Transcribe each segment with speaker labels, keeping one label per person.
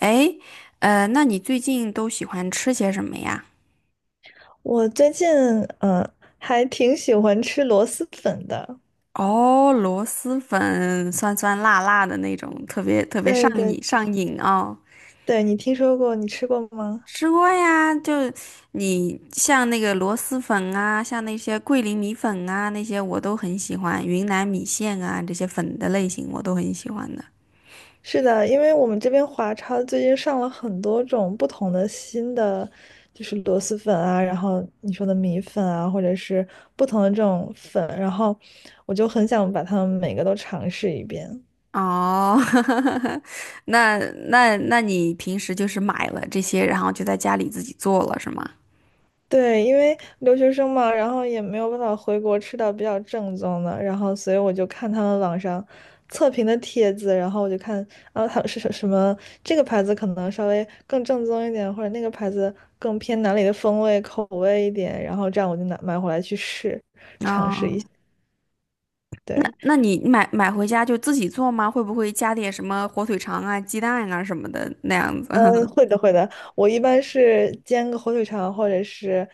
Speaker 1: 诶，那你最近都喜欢吃些什么呀？
Speaker 2: 我最近嗯，呃还挺喜欢吃螺蛳粉的。
Speaker 1: 哦，螺蛳粉，酸酸辣辣的那种，特别特别
Speaker 2: 对
Speaker 1: 上
Speaker 2: 对
Speaker 1: 瘾上瘾哦。
Speaker 2: 对，你听说过，你吃过吗？
Speaker 1: 吃过呀，就你像那个螺蛳粉啊，像那些桂林米粉啊，那些我都很喜欢，云南米线啊，这些粉的类型我都很喜欢的。
Speaker 2: 是的，因为我们这边华超最近上了很多种不同的新的，就是螺蛳粉啊，然后你说的米粉啊，或者是不同的这种粉，然后我就很想把它们每个都尝试一遍。
Speaker 1: 哦，那那你平时就是买了这些，然后就在家里自己做了，是吗？
Speaker 2: 对，因为留学生嘛，然后也没有办法回国吃到比较正宗的，然后所以我就看他们网上测评的帖子，然后我就看，啊，后他们是什什么这个牌子可能稍微更正宗一点，或者那个牌子更偏哪里的风味口味一点，然后这样我就拿买回来去试。
Speaker 1: 哦那
Speaker 2: 对，
Speaker 1: 那你买回家就自己做吗？会不会加点什么火腿肠啊、鸡蛋啊什么的那样
Speaker 2: 嗯，
Speaker 1: 子？
Speaker 2: 会的会的，我一般是煎个火腿肠或者是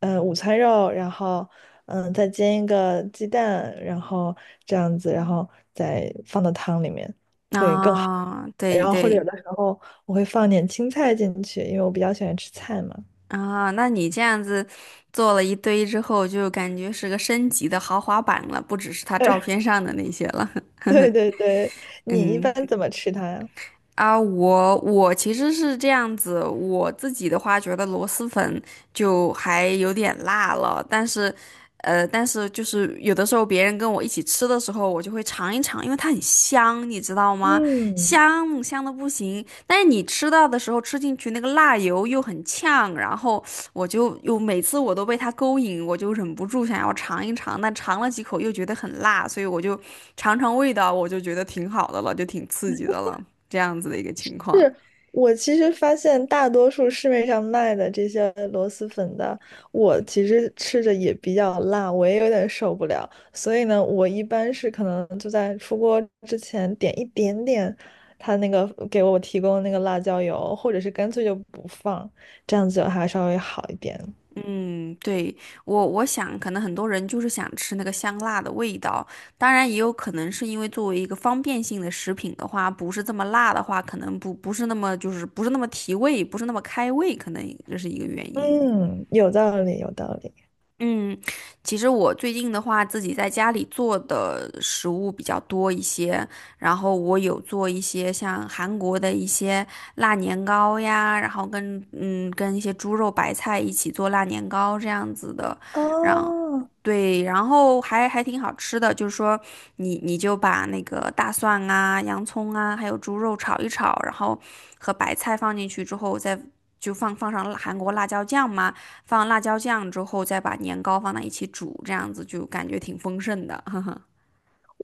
Speaker 2: 午餐肉，然后再煎一个鸡蛋，然后这样子，然后再放到汤里面 会更好。
Speaker 1: 啊，
Speaker 2: 然
Speaker 1: 对
Speaker 2: 后或者有
Speaker 1: 对
Speaker 2: 的时候我会放点青菜进去，因为我比较喜欢吃菜嘛。
Speaker 1: 啊，那你这样子做了一堆之后，就感觉是个升级的豪华版了，不只是他照片 上的那些了。
Speaker 2: 对对对对，你一
Speaker 1: 嗯。
Speaker 2: 般怎么吃它呀？
Speaker 1: 啊，我其实是这样子，我自己的话觉得螺蛳粉就还有点辣了，但是，但是就是有的时候别人跟我一起吃的时候，我就会尝一尝，因为它很香，你知道吗？
Speaker 2: 嗯。
Speaker 1: 香香的不行，但是你吃到的时候吃进去那个辣油又很呛，然后我就又每次我都被它勾引，我就忍不住想要尝一尝，但尝了几口又觉得很辣，所以我就尝尝味道，我就觉得挺好的了，就挺刺激的了。这样子的一个情况。
Speaker 2: 是。我其实发现，大多数市面上卖的这些螺蛳粉的，我其实吃着也比较辣，我也有点受不了。所以呢，我一般是可能就在出锅之前点一点点，他那个给我提供的那个辣椒油，或者是干脆就不放，这样子还稍微好一点。
Speaker 1: 嗯，对，我想，可能很多人就是想吃那个香辣的味道，当然也有可能是因为作为一个方便性的食品的话，不是这么辣的话，可能不是那么就是不是那么提味，不是那么开胃，可能这是一个原因。
Speaker 2: 嗯，有道理，有道理。
Speaker 1: 嗯，其实我最近的话，自己在家里做的食物比较多一些，然后我有做一些像韩国的一些辣年糕呀，然后跟一些猪肉白菜一起做辣年糕这样子的，让
Speaker 2: 哦，
Speaker 1: 对，然后还挺好吃的，就是说你就把那个大蒜啊、洋葱啊，还有猪肉炒一炒，然后和白菜放进去之后再。就放上辣韩国辣椒酱嘛，放辣椒酱之后，再把年糕放在一起煮，这样子就感觉挺丰盛的，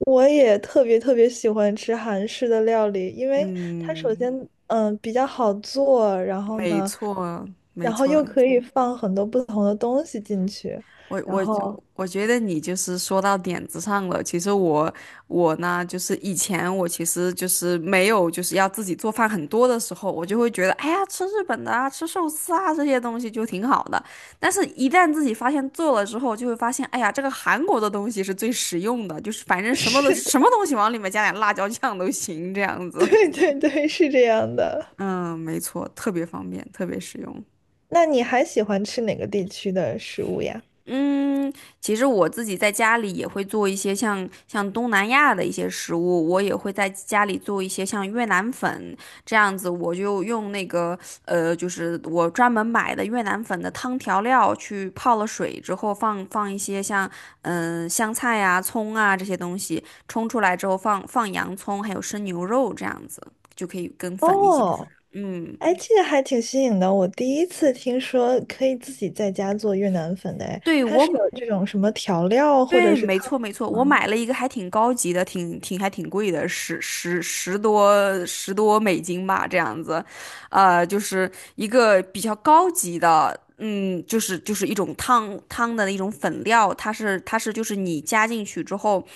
Speaker 2: 我也特别特别喜欢吃韩式的料理，因为它首
Speaker 1: 嗯，
Speaker 2: 先比较好做，然后
Speaker 1: 没
Speaker 2: 呢，
Speaker 1: 错，没
Speaker 2: 然后又
Speaker 1: 错。
Speaker 2: 可以放很多不同的东西进去，
Speaker 1: 我
Speaker 2: 然
Speaker 1: 我
Speaker 2: 后
Speaker 1: 我觉得你就是说到点子上了。其实我呢，就是以前我其实就是没有就是要自己做饭很多的时候，我就会觉得，哎呀，吃日本的啊，吃寿司啊这些东西就挺好的。但是，一旦自己发现做了之后，就会发现，哎呀，这个韩国的东西是最实用的，就是反正 什么的
Speaker 2: 是的，
Speaker 1: 什么东西往里面加点辣椒酱都行，这样 子。
Speaker 2: 对对对，是这样的。
Speaker 1: 嗯，没错，特别方便，特别实用。
Speaker 2: 那你还喜欢吃哪个地区的食物呀？
Speaker 1: 嗯，其实我自己在家里也会做一些像东南亚的一些食物，我也会在家里做一些像越南粉这样子，我就用那个就是我专门买的越南粉的汤调料去泡了水之后放一些像香菜啊、葱啊这些东西，冲出来之后放洋葱还有生牛肉这样子，就可以跟粉一起吃。
Speaker 2: 哦，
Speaker 1: 嗯，
Speaker 2: 哎，这个还挺新颖的，我第一次听说可以自己在家做越南粉的，哎，
Speaker 1: 对，
Speaker 2: 它是有这种什么调料或者
Speaker 1: 对，
Speaker 2: 是
Speaker 1: 没
Speaker 2: 汤
Speaker 1: 错没错，我
Speaker 2: 吗？
Speaker 1: 买了一个还挺高级的，还挺贵的，十多美金吧，这样子，就是一个比较高级的，嗯，就是就是一种汤汤的一种粉料，它是就是你加进去之后，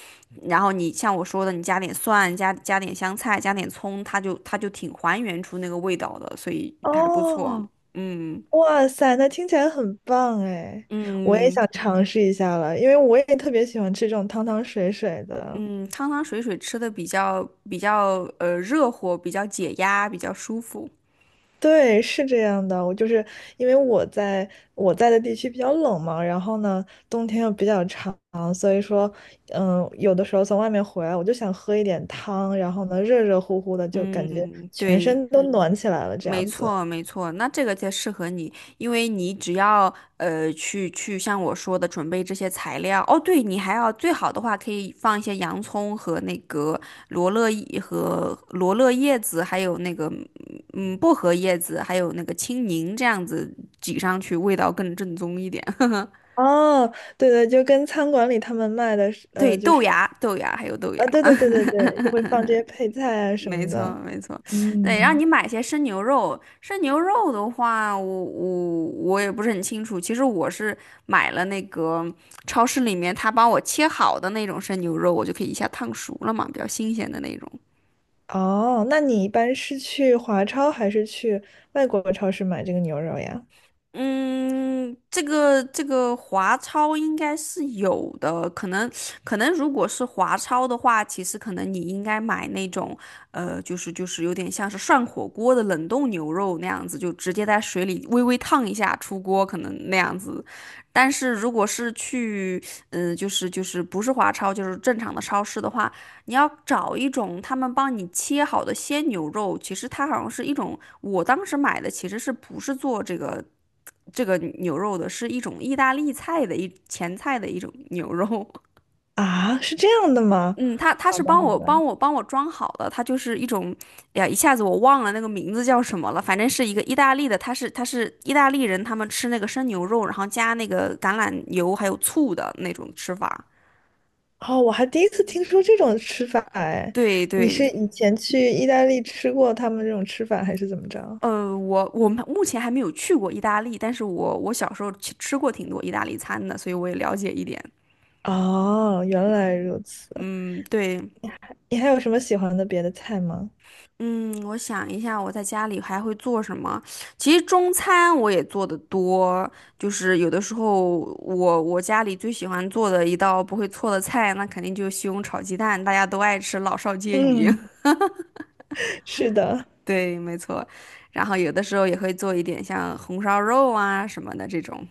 Speaker 1: 然后你像我说的，你加点蒜，加点香菜，加点葱，它就挺还原出那个味道的，所以还不错，
Speaker 2: 哦。
Speaker 1: 嗯
Speaker 2: 哇塞，那听起来很棒哎！我也
Speaker 1: 嗯。
Speaker 2: 想尝试一下了，因为我也特别喜欢吃这种汤汤水水的。
Speaker 1: 嗯，汤汤水水吃的比较热乎，比较解压，比较舒服。
Speaker 2: 对，是这样的，我就是因为我在的地区比较冷嘛，然后呢，冬天又比较长，所以说，有的时候从外面回来，我就想喝一点汤，然后呢，热热乎乎的，就感觉
Speaker 1: 嗯，
Speaker 2: 全
Speaker 1: 对，
Speaker 2: 身都暖起来了，这
Speaker 1: 没
Speaker 2: 样子。
Speaker 1: 错没错，那这个才适合你，因为你只要去像我说的准备这些材料。哦，对，你还要最好的话可以放一些洋葱和那个罗勒叶和罗勒叶子，还有那个薄荷叶子，还有那个青柠这样子挤上去，味道更正宗一点。
Speaker 2: 哦，对对，就跟餐馆里他们卖的是
Speaker 1: 对，
Speaker 2: 就
Speaker 1: 豆
Speaker 2: 是
Speaker 1: 芽豆芽还有豆
Speaker 2: 啊，对
Speaker 1: 芽。
Speaker 2: 对对对对，就会放这些配菜啊什
Speaker 1: 没
Speaker 2: 么
Speaker 1: 错，
Speaker 2: 的。
Speaker 1: 没错，对，让
Speaker 2: 嗯，
Speaker 1: 你买些生牛肉，生牛肉的话，我也不是很清楚。其实我是买了那个超市里面他帮我切好的那种生牛肉，我就可以一下烫熟了嘛，比较新鲜的那种。
Speaker 2: 哦，那你一般是去华超还是去外国超市买这个牛肉呀？
Speaker 1: 嗯，这个华超应该是有的，可能如果是华超的话，其实可能你应该买那种，就是有点像是涮火锅的冷冻牛肉那样子，就直接在水里微微烫一下出锅，可能那样子。但是如果是去，就是不是华超，就是正常的超市的话，你要找一种他们帮你切好的鲜牛肉，其实它好像是一种，我当时买的其实是不是做这个。这个牛肉的，是一种意大利菜的一前菜的一种牛肉。
Speaker 2: 啊，是这样的吗？
Speaker 1: 嗯，他
Speaker 2: 好
Speaker 1: 是
Speaker 2: 的
Speaker 1: 帮
Speaker 2: 好
Speaker 1: 我
Speaker 2: 的。
Speaker 1: 帮我帮我装好的，它就是一种，哎呀，一下子我忘了那个名字叫什么了，反正是一个意大利的，他是意大利人，他们吃那个生牛肉，然后加那个橄榄油还有醋的那种吃法。
Speaker 2: 哦，我还第一次听说这种吃法哎，
Speaker 1: 对
Speaker 2: 你是
Speaker 1: 对，
Speaker 2: 以前去意大利吃过他们这种吃法，还是怎么着？
Speaker 1: 我们目前还没有去过意大利，但是我小时候吃过挺多意大利餐的，所以我也了解一点。
Speaker 2: 哦，原来如此。
Speaker 1: 嗯，对，
Speaker 2: 你还有什么喜欢的别的菜吗？
Speaker 1: 嗯，我想一下，我在家里还会做什么？其实中餐我也做的多，就是有的时候我家里最喜欢做的一道不会错的菜，那肯定就是西红柿炒鸡蛋，大家都爱吃，老少皆宜。
Speaker 2: 嗯，是的。
Speaker 1: 对，没错。然后有的时候也会做一点像红烧肉啊什么的这种。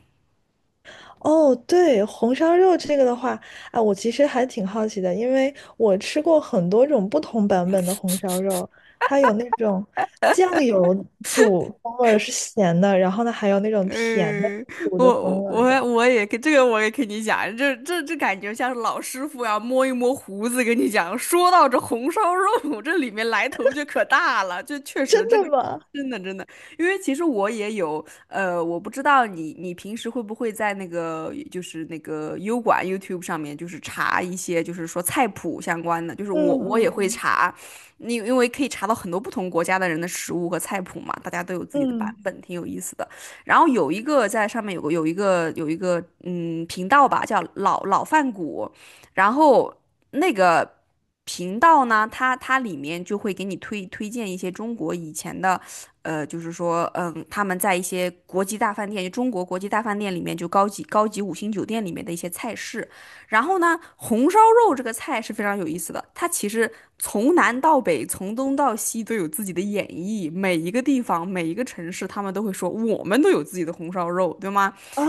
Speaker 2: 哦，对，红烧肉这个的话，啊，我其实还挺好奇的，因为我吃过很多种不同版本的红烧肉，它有那种酱油煮风味儿是咸的，然后呢还有那种甜的
Speaker 1: 嗯，
Speaker 2: 煮的风
Speaker 1: 我
Speaker 2: 味儿的，
Speaker 1: 我我也跟这个也跟你讲，这感觉像是老师傅要摸一摸胡子跟你讲。说到这红烧肉，这里面来头就可大了，就确实
Speaker 2: 真
Speaker 1: 这
Speaker 2: 的
Speaker 1: 个
Speaker 2: 吗？
Speaker 1: 真的真的，因为其实我也有呃，我不知道你平时会不会在那个就是那个优管 YouTube 上面就是查一些就是说菜谱相关的，就是我
Speaker 2: 嗯
Speaker 1: 我也会
Speaker 2: 嗯
Speaker 1: 查，你因为可以查到很多不同国家的人的食物和菜谱嘛，大家都有自己的版
Speaker 2: 嗯嗯，
Speaker 1: 本，挺有意思的。然后有一个在上面有个有一个有一个嗯频道吧，叫老老饭骨，然后那个频道呢，它里面就会给你推荐一些中国以前的，就是说他们在一些国际大饭店，就中国国际大饭店里面就高级五星酒店里面的一些菜式，然后呢，红烧肉这个菜是非常有意思的，它其实从南到北，从东到西都有自己的演绎，每一个地方、每一个城市，他们都会说我们都有自己的红烧肉，对吗？
Speaker 2: 啊，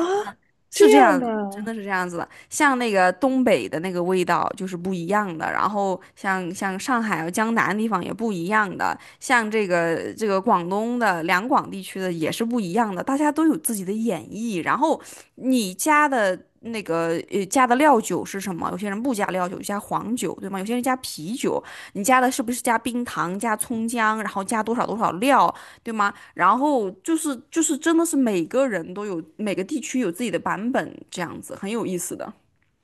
Speaker 1: 是
Speaker 2: 这
Speaker 1: 这
Speaker 2: 样
Speaker 1: 样
Speaker 2: 的
Speaker 1: 的真
Speaker 2: 啊。
Speaker 1: 的是这样子的。像那个东北的那个味道就是不一样的，然后像上海啊、江南地方也不一样的，像这个广东的两广地区的也是不一样的，大家都有自己的演绎。然后你加的那个加的料酒是什么？有些人不加料酒，加黄酒，对吗？有些人加啤酒，你加的是不是加冰糖、加葱姜，然后加多少多少料？对吗？然后就是真的是每个人都有每个地区有自己的版本，这样子很有意思的。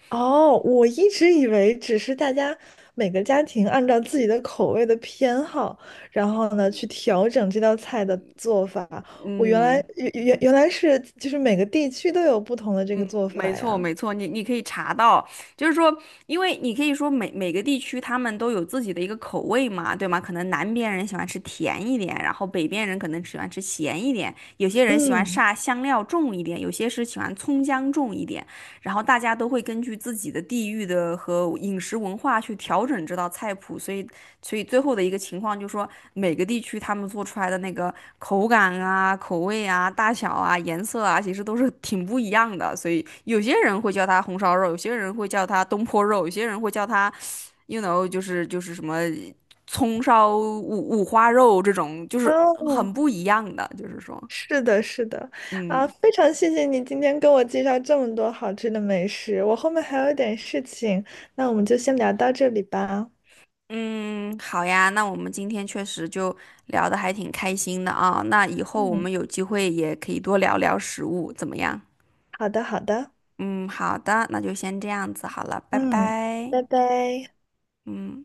Speaker 2: 哦，我一直以为只是大家每个家庭按照自己的口味的偏好，然后呢去调整这道菜的做法。我原来
Speaker 1: 嗯。
Speaker 2: 原原原来是就是每个地区都有不同的这个做
Speaker 1: 没
Speaker 2: 法
Speaker 1: 错，
Speaker 2: 呀。
Speaker 1: 没错，你可以查到，就是说，因为你可以说每个地区他们都有自己的一个口味嘛，对吗？可能南边人喜欢吃甜一点，然后北边人可能喜欢吃咸一点，有些人喜欢
Speaker 2: 嗯，
Speaker 1: 煞香料重一点，有些是喜欢葱姜重一点，然后大家都会根据自己的地域的和饮食文化去调整这道菜谱，所以最后的一个情况就是说，每个地区他们做出来的那个口感啊、口味啊、大小啊、颜色啊，其实都是挺不一样的。所以有些人会叫它红烧肉，有些人会叫它东坡肉，有些人会叫它，you know，就是什么葱烧五花肉这种，就是
Speaker 2: 哦，
Speaker 1: 很不一样的。就是说，
Speaker 2: 是的，是的，啊，
Speaker 1: 嗯
Speaker 2: 非常谢谢你今天跟我介绍这么多好吃的美食，我后面还有点事情，那我们就先聊到这里吧。
Speaker 1: 嗯，好呀，那我们今天确实就聊得还挺开心的啊。那以后我
Speaker 2: 嗯，
Speaker 1: 们有机会也可以多聊聊食物，怎么样？
Speaker 2: 好的，好的，
Speaker 1: 嗯，好的，那就先这样子好了，拜
Speaker 2: 嗯，
Speaker 1: 拜。
Speaker 2: 拜拜。
Speaker 1: 嗯。